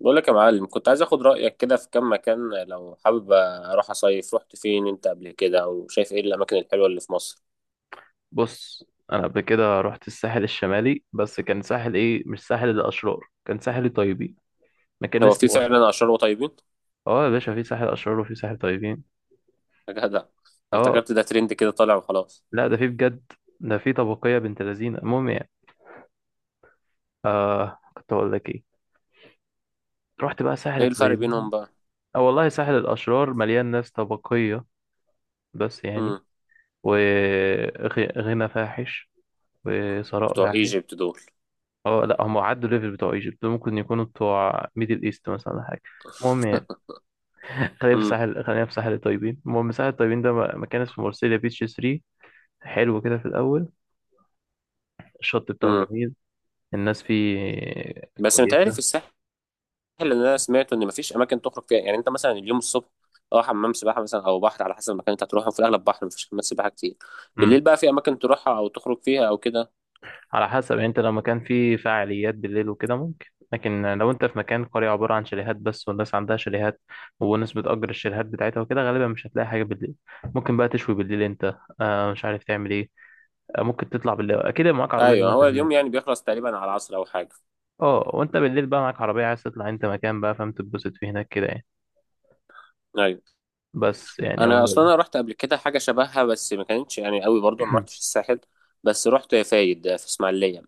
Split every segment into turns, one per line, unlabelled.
بقول لك يا معلم، كنت عايز اخد رأيك كده في كام مكان لو حابب اروح اصيف. رحت فين انت قبل كده وشايف ايه الاماكن الحلوة اللي في مصر؟
بص، انا قبل كده رحت الساحل الشمالي. بس كان ساحل ايه؟ مش ساحل الاشرار، كان ساحل طيبين. مكان
هو في
اسمه وهم.
فعلا اشرار وطيبين؟
اه يا باشا، في ساحل اشرار وفي ساحل طيبين.
يا جدع.
اه
افتكرت ده ترند كده طالع وخلاص.
لا، ده في بجد، ده في طبقيه بنت لذينه. المهم يعني، آه كنت اقول لك ايه؟ رحت بقى ساحل
ايه الفرق
الطيبين.
بينهم بقى؟
اه والله، ساحل الاشرار مليان ناس طبقيه، بس يعني،
امم.
وغنى فاحش وثراء
بتوع
فاحش.
ايجيبت دول؟
اه لا، هم عدوا ليفل بتوع ايجيبت، ممكن يكونوا بتوع ميدل ايست مثلا ولا حاجه. المهم يعني،
امم.
خلينا في ساحل الطيبين. المهم ساحل الطيبين ده مكان اسمه مرسيليا بيتش 3. حلو كده في الأول، الشط بتاعه
امم.
جميل، الناس فيه
بس متهيألي في
كويسة.
الساحل اللي انا سمعته ان مفيش اماكن تخرج فيها، يعني انت مثلا اليوم الصبح اه حمام سباحة مثلا او بحر على حسب المكان اللي انت هتروحه، في الاغلب بحر مفيش حمامات سباحة كتير.
امم،
بالليل بقى في اماكن تروحها او تخرج فيها او كده؟
على حسب يعني. انت لو مكان فيه فعاليات بالليل وكده، ممكن. لكن لو انت في مكان قرية عبارة عن شاليهات بس، والناس عندها شاليهات، والناس بتأجر الشاليهات بتاعتها وكده، غالبا مش هتلاقي حاجة بالليل. ممكن بقى تشوي بالليل انت، آه مش عارف تعمل ايه. آه ممكن تطلع بالليل، اكيد معاك عربية لو
ايوه،
انت
هو اليوم يعني
هناك.
بيخلص تقريبا على العصر او حاجة.
اه، وانت بالليل بقى معاك عربية عايز تطلع، انت مكان بقى فاهم تتبسط فيه هناك كده يعني.
ايوه.
بس يعني هو
انا اصلا
ده.
انا رحت قبل كده حاجه شبهها بس ما كانتش يعني قوي، برضو ما رحتش الساحل. بس رحت فايد في اسماعيليه.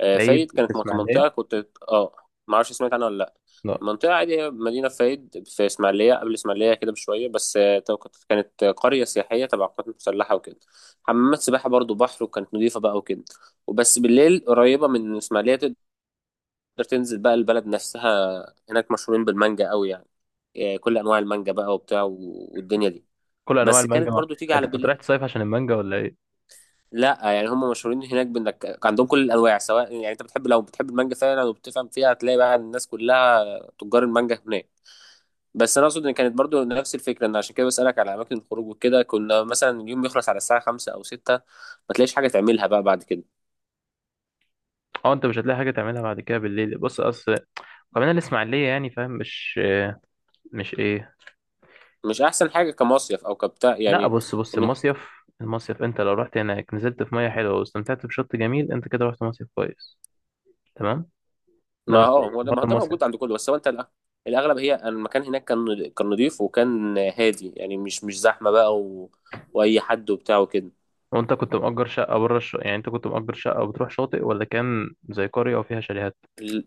سعيد
فايد
في
كانت
اسماعيلية.
كمنطقه كنت ما اعرفش سمعت عنها ولا لا.
لا.
منطقه عاديه، مدينه فايد في اسماعيليه قبل اسماعيليه كده بشويه، بس كانت قريه سياحيه تبع القوات المسلحه وكده. حمامات سباحه برضو بحر وكانت نظيفه بقى وكده. وبس بالليل قريبه من اسماعيليه تقدر تنزل بقى البلد نفسها. هناك مشهورين بالمانجا قوي يعني. كل انواع المانجا بقى وبتاع والدنيا دي.
كل انواع
بس
المانجا
كانت
ما.
برضو تيجي
انت
على
كنت
بالليل.
رايح تصيف عشان المانجا ولا ايه؟
لا يعني هم مشهورين هناك بانك عندهم كل الانواع، سواء يعني انت بتحب المانجا فعلا وبتفهم فيها هتلاقي بقى الناس كلها تجار المانجا هناك. بس انا اقصد ان كانت برضو نفس الفكره، ان عشان كده بسالك على اماكن الخروج وكده، كنا مثلا اليوم بيخلص على الساعه 5 او 6، ما تلاقيش حاجه تعملها بقى بعد كده.
اه، انت مش هتلاقي حاجه تعملها بعد كده بالليل. بص، اصل كمان الاسماعيليه يعني، فاهم؟ مش ايه.
مش احسن حاجه كمصيف او كبتاع
لا،
يعني.
بص،
إن-
المصيف، المصيف انت لو رحت هناك، نزلت في ميه حلوه واستمتعت بشط جميل، انت كده رحت مصيف كويس. تمام. ده
ما هو
مبدئيا
هو ده
هو ده
ما هو ده
المصيف.
موجود عند كله، بس هو انت الاغلب، هي أن المكان هناك كان نضيف وكان هادي، يعني مش زحمه بقى واي حد وبتاع وكده.
وانت كنت مأجر شقه بره يعني انت كنت مأجر شقه وبتروح شاطئ، ولا كان زي قريه وفيها شاليهات؟
ل-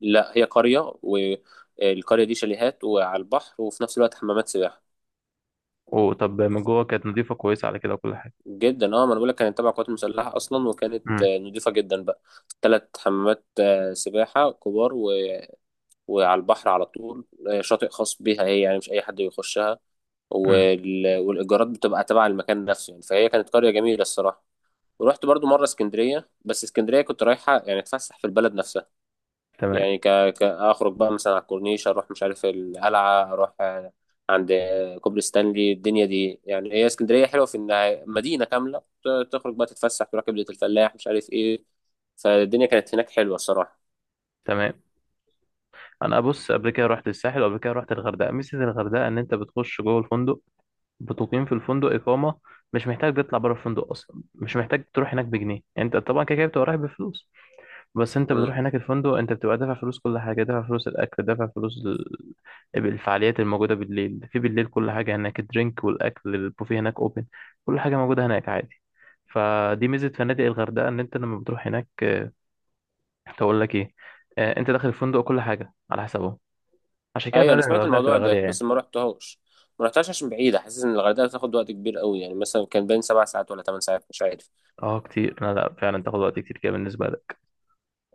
لا، هي قرية والقرية دي شاليهات وعلى البحر وفي نفس الوقت حمامات سباحة.
وطب من جوه كانت نظيفه كويسه على كده وكل حاجه؟
جدا، اه، ما انا بقول لك كانت تبع القوات المسلحة اصلا، وكانت
امم.
نضيفة جدا بقى. ثلاث حمامات سباحة كبار وعلى البحر على طول. شاطئ خاص بيها هي، يعني مش اي حد بيخشها.
امم.
والايجارات بتبقى تبع المكان نفسه، يعني فهي كانت قرية جميلة الصراحة. ورحت برضو مرة اسكندرية، بس اسكندرية كنت رايحة يعني اتفسح في البلد نفسها.
تمام.
يعني اخرج بقى مثلا على الكورنيش، اروح مش عارف القلعه، اروح عند كوبري ستانلي الدنيا دي، يعني هي اسكندريه حلوه في انها مدينه كامله. تخرج بقى تتفسح، تروح كبده الفلاح مش عارف ايه. فالدنيا كانت هناك حلوه الصراحه.
تمام. انا بص، قبل كده رحت الساحل، وقبل كده رحت الغردقه. ميزه الغردقه ان انت بتخش جوه الفندق، بتقيم في الفندق اقامه، مش محتاج تطلع بره الفندق اصلا، مش محتاج تروح هناك بجنيه. يعني انت طبعا كده كده بتبقى رايح بفلوس، بس انت
امم.
بتروح هناك الفندق، انت بتبقى دافع فلوس. كل حاجه دافع فلوس، الاكل دافع فلوس، الفعاليات الموجوده بالليل في بالليل، كل حاجه هناك، الدرينك والاكل، البوفيه هناك اوبن، كل حاجه موجوده هناك عادي. فدي ميزه فنادق الغردقه، ان انت لما بتروح هناك هقول لك ايه، انت داخل الفندق كل حاجه على حسابهم. عشان كده
ايوه انا
فعلا
سمعت
الغردقه
الموضوع
بتبقى
ده
غاليه يعني.
بس ما رحتهاش. ما رحتهاش عشان بعيده، حاسس ان الغردقه بتاخد وقت كبير قوي، يعني مثلا كان بين 7 ساعات ولا 8 ساعات، مش عارف.
اه كتير، لا لا، فعلا تاخد وقت كتير كده بالنسبه لك.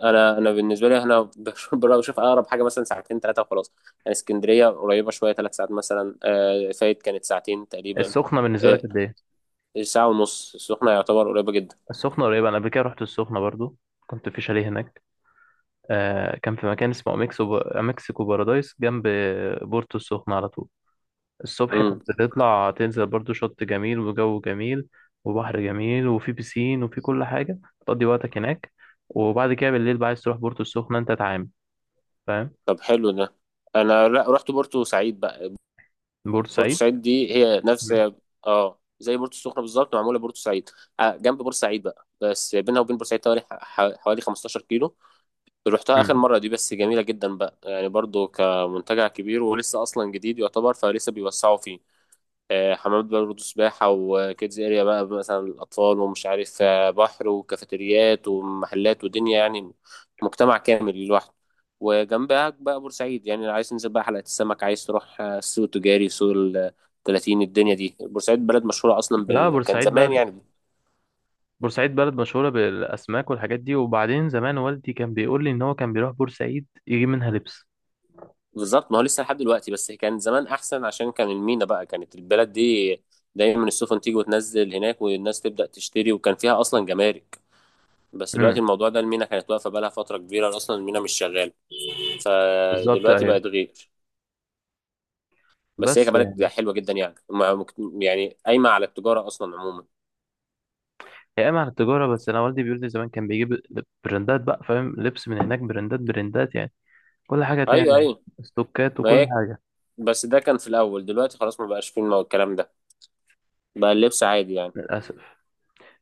انا بالنسبه لي انا بشوف اقرب حاجه مثلا ساعتين ثلاثه وخلاص. يعني اسكندريه قريبه شويه، 3 ساعات مثلا، فايت كانت ساعتين تقريبا.
السخنه بالنسبه لك
آه،
قد ايه؟
ساعه ونص السخنه يعتبر قريبه جدا.
السخنه قريبه، انا قبل كده رحت السخنه برضو، كنت في شاليه هناك. آه كان في مكان اسمه مكسيكو بارادايس جنب بورتو السخنه على طول. الصبح
امم.
كنت تطلع تنزل، برضو شط جميل وجو جميل وبحر جميل، وفي بسين، وفي كل حاجه تقضي وقتك هناك. وبعد كده بالليل بقى عايز تروح بورتو السخنه، انت تعامل، فاهم.
طب حلو ده. انا لا، رحت بورتو سعيد بقى. بورتو
بورسعيد.
سعيد دي هي نفس،
مم.
اه، زي بورتو السخنه بالظبط، معموله بورتو سعيد جنب بورسعيد سعيد بقى، بس بينها وبين بورسعيد حوالي 15 كيلو. رحتها اخر
مم.
مره دي بس جميله جدا بقى، يعني برضو كمنتجع كبير ولسه اصلا جديد يعتبر فلسه بيوسعوا فيه. حمامات برضه سباحة وكيدز اريا بقى مثلا الأطفال، ومش عارف بحر وكافيتريات ومحلات ودنيا، يعني مجتمع كامل لوحده. وجنبها بقى بورسعيد، يعني عايز تنزل بقى حلقة السمك، عايز تروح السوق التجاري، سوق ال 30 الدنيا دي. بورسعيد بلد مشهورة أصلا
لا،
كان
بورسعيد
زمان
بلد،
يعني.
بورسعيد بلد مشهورة بالأسماك والحاجات دي. وبعدين زمان والدي كان بيقول لي إن هو كان بيروح بورسعيد يجيب منها لبس.
بالظبط، ما هو لسه لحد دلوقتي، بس كان زمان أحسن عشان كان المينا بقى كانت البلد دي دايما السفن تيجي وتنزل هناك، والناس تبدأ تشتري، وكان فيها أصلا جمارك. بس دلوقتي
امم.
الموضوع ده المينا كانت واقفة بقالها فترة كبيرة، أصلا المينا مش شغالة.
بالظبط،
فدلوقتي
أيوة،
بقت غير. بس هي
بس
كبلد
يعني،
حلوة جدا يعني يعني قايمة على التجارة أصلا عموما.
هي قايمة على التجارة. بس أنا والدي بيقول لي زمان كان بيجيب براندات بقى، فاهم، لبس من هناك، براندات يعني، كل حاجة تلاقيها
أيوه،
هناك،
أيوه.
ستوكات
ما
وكل
هي،
حاجة.
بس ده كان في الأول، دلوقتي خلاص ما بقاش فيه الكلام ده، بقى اللبس عادي يعني.
للأسف.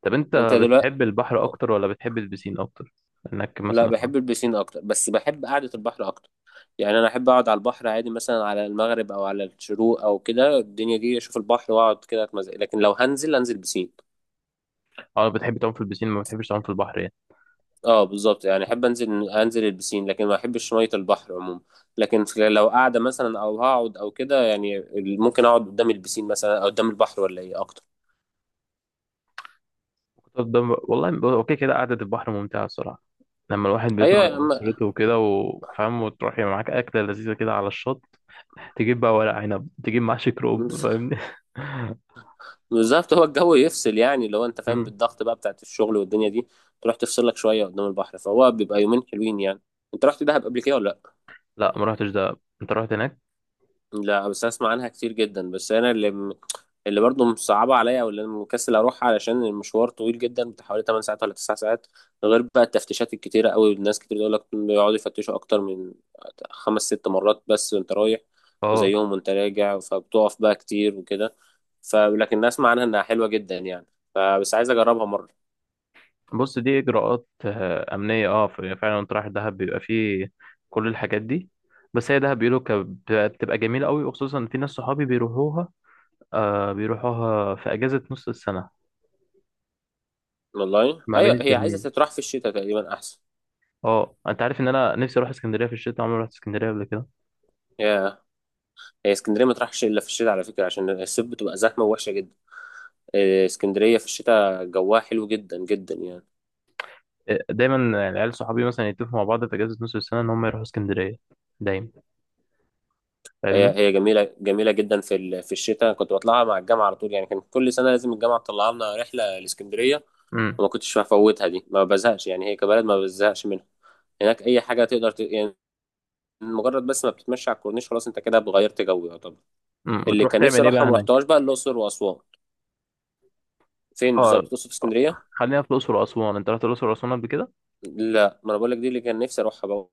طب أنت
أنت
بتحب
دلوقتي؟
البحر أكتر ولا بتحب البسين أكتر؟ إنك
لا،
مثلا،
بحب البسين أكتر، بس بحب قعدة البحر أكتر. يعني أنا أحب أقعد على البحر عادي، مثلا على المغرب أو على الشروق أو كده الدنيا دي، أشوف البحر وأقعد كده أتمزق، لكن لو هنزل أنزل بسين.
أه بتحب تعوم في البسين، ما بتحبش تعوم في البحر يعني.
اه، بالظبط، يعني احب انزل البسين، لكن ما احبش ميه البحر عموما. لكن لو قاعده مثلا او هقعد او كده، يعني ممكن اقعد قدام البسين مثلا او قدام البحر ولا ايه اكتر.
طب ده والله اوكي كده، قعدة البحر ممتعة الصراحة، لما الواحد بيطلع
ايوه
مع أسرته وكده، وفاهم، وتروحي معاك أكلة لذيذة كده على الشط، تجيب بقى ورق عنب، تجيب محشي كروب، فاهمني؟
بالظبط، هو الجو يفصل، يعني لو انت فاهم
مم.
بالضغط بقى بتاعت الشغل والدنيا دي، تروح تفصل لك شويه قدام البحر، فهو بيبقى يومين حلوين يعني. انت رحت دهب قبل كده ولا لا؟
لا ما رحتش دهب، انت رحت هناك؟
لا، بس اسمع عنها كتير جدا، بس انا اللي اللي برضه مصعبه عليا، او اللي انا مكسل اروح علشان المشوار طويل جدا بتاع حوالي 8 ساعات ولا 9 ساعات، غير بقى التفتيشات الكتيره قوي، الناس كتير بيقول لك بيقعدوا يفتشوا اكتر من خمس ست مرات بس وانت رايح،
اه
وزيهم وانت راجع، فبتقف بقى كتير وكده. ف لكن الناس اسمع عنها انها حلوه جدا يعني، فبس عايز اجربها مره.
بص، دي اجراءات امنيه. اه فعلا انت رايح دهب بيبقى فيه كل الحاجات دي. بس هي دهب بيقولوا بتبقى جميله قوي، وخصوصا في ناس صحابي بيروحوها، آه بيروحوها في اجازه نص السنة،
والله
ما بين
ايوه، هي عايزه
الترمين.
تتراح في الشتاء تقريبا احسن.
اه انت عارف ان انا نفسي اروح اسكندريه في الشتاء؟ عمري ما رحت اسكندريه قبل كده.
هي هي اسكندريه ما تروحش الا في الشتاء على فكره عشان الصيف بتبقى زحمه ووحشه جدا. إيه، اسكندرية في الشتاء جواها حلو جدا جدا يعني.
إيه، دايما العيال صحابي مثلا يتفقوا مع بعض في اجازه نص السنه ان هم يروحوا اسكندريه دايما،
هي
فاهمني.
هي جميلة جميلة جدا في في الشتاء، كنت بطلعها مع الجامعة على طول، يعني كان كل سنة لازم الجامعة تطلع لنا رحلة لاسكندرية.
امم.
وما كنتش هفوتها دي، ما بزهقش يعني هي كبلد ما بزهقش منها. هناك أي حاجة تقدر يعني مجرد بس ما بتتمشى على الكورنيش خلاص أنت كده غيرت جو يعتبر.
أمم.
اللي
بتروح
كان نفسي
تعمل ايه بقى
أروحها ما
هناك؟
رحتهاش بقى الأقصر وأسوان. فين
اه،
بالظبط الأقصر في
آه،
اسكندرية؟
خلينا في الاقصر واسوان، انت رحت الاقصر واسوان قبل كده؟
لا، ما أنا بقول لك دي اللي كان نفسي أروحها بقى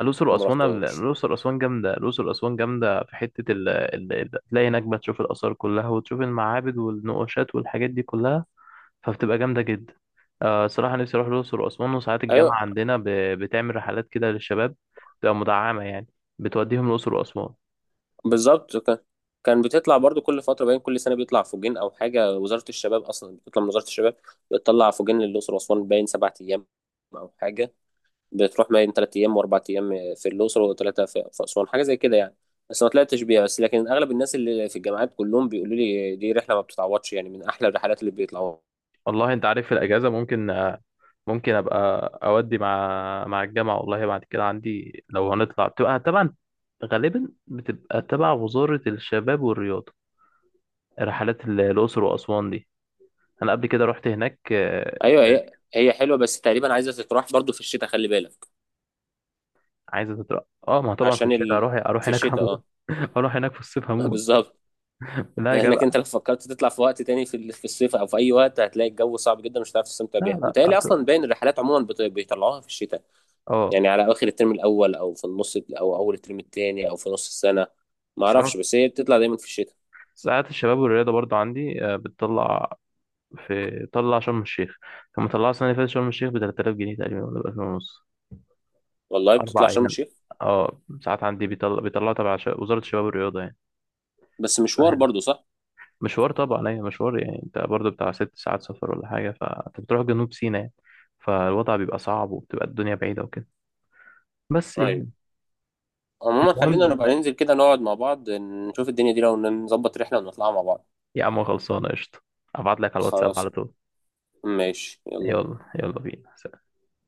وما رحتهاش.
الاقصر واسوان جامده، الاقصر واسوان جامده، في حته تلاقي هناك بقى تشوف الاثار كلها، وتشوف المعابد والنقوشات والحاجات دي كلها، فبتبقى جامدة جدا. آه صراحة نفسي أروح الأقصر وأسوان، وساعات الجامعة
ايوه،
عندنا بتعمل رحلات كده للشباب، بتبقى مدعمة يعني، بتوديهم الأقصر وأسوان.
بالظبط. كان بتطلع برضو كل فترة، باين كل سنة بيطلع فوجين أو حاجة، وزارة الشباب أصلا بتطلع، من وزارة الشباب بتطلع فوجين للأقصر وأسوان، باين 7 أيام أو حاجة. بتروح باين 3 أيام وأربع أيام في الأقصر، وتلاتة في أسوان، حاجة زي كده يعني. بس ما طلعتش بيها، بس لكن أغلب الناس اللي في الجامعات كلهم بيقولوا لي دي رحلة ما بتتعوضش يعني، من أحلى الرحلات اللي بيطلعوها.
والله أنت عارف، في الأجازة ممكن ممكن أبقى أودي مع الجامعة. والله بعد كده عندي لو هنطلع بتبقى طبعا، غالبا بتبقى تبع وزارة الشباب والرياضة، رحلات الأقصر وأسوان دي. أنا قبل كده رحت هناك آه.
أيوه، هي حلوة، بس تقريبا عايزة تتراح برضو في الشتاء، خلي بالك.
عايزة تترقى، أه ما هو طبعا في
عشان
الشتاء. أروح
في
هناك
الشتاء
هموت. أروح هناك في الصيف هموت.
بالظبط.
لا يا جدع.
لانك انت لو فكرت تطلع في وقت تاني، في في الصيف او في اي وقت، هتلاقي الجو صعب جدا مش هتعرف تستمتع
لا
بيها، متهيألي
لا،
اصلا باين الرحلات عموما بيطلعوها في الشتاء.
اه.
يعني على اواخر الترم الاول او في النص او اول الترم التاني او في نص السنه، ما اعرفش،
ساعات،
بس هي بتطلع دايما في الشتاء.
ساعات الشباب والرياضة برضو عندي بتطلع في، طلع شرم الشيخ. كان مطلعها السنة اللي فاتت شرم الشيخ ب 3000 جنيه تقريبا، ولا ب 2000 ونص.
والله بتطلع
أربع
شرم
أيام
الشيخ؟
اه ساعات عندي بيطلع، بيطلع تبع وزارة الشباب والرياضة يعني،
بس
بتبقى
مشوار
حلو.
برضو صح.
مشوار طبعا، أيوة مشوار، يعني أنت برضو بتاع 6 ساعات سفر ولا حاجة، فأنت بتروح جنوب سيناء يعني، فالوضع بيبقى صعب، وبتبقى الدنيا بعيدة وكده، بس
ايوه.
يعني.
عموما خلينا
المهم
نبقى ننزل كده نقعد مع بعض نشوف الدنيا دي، لو نظبط رحله ونطلعها مع بعض.
يا عم، خلصانة قشطة، أبعت لك على الواتساب على
خلاص.
طول.
ماشي، يلا.
يلا يلا بينا.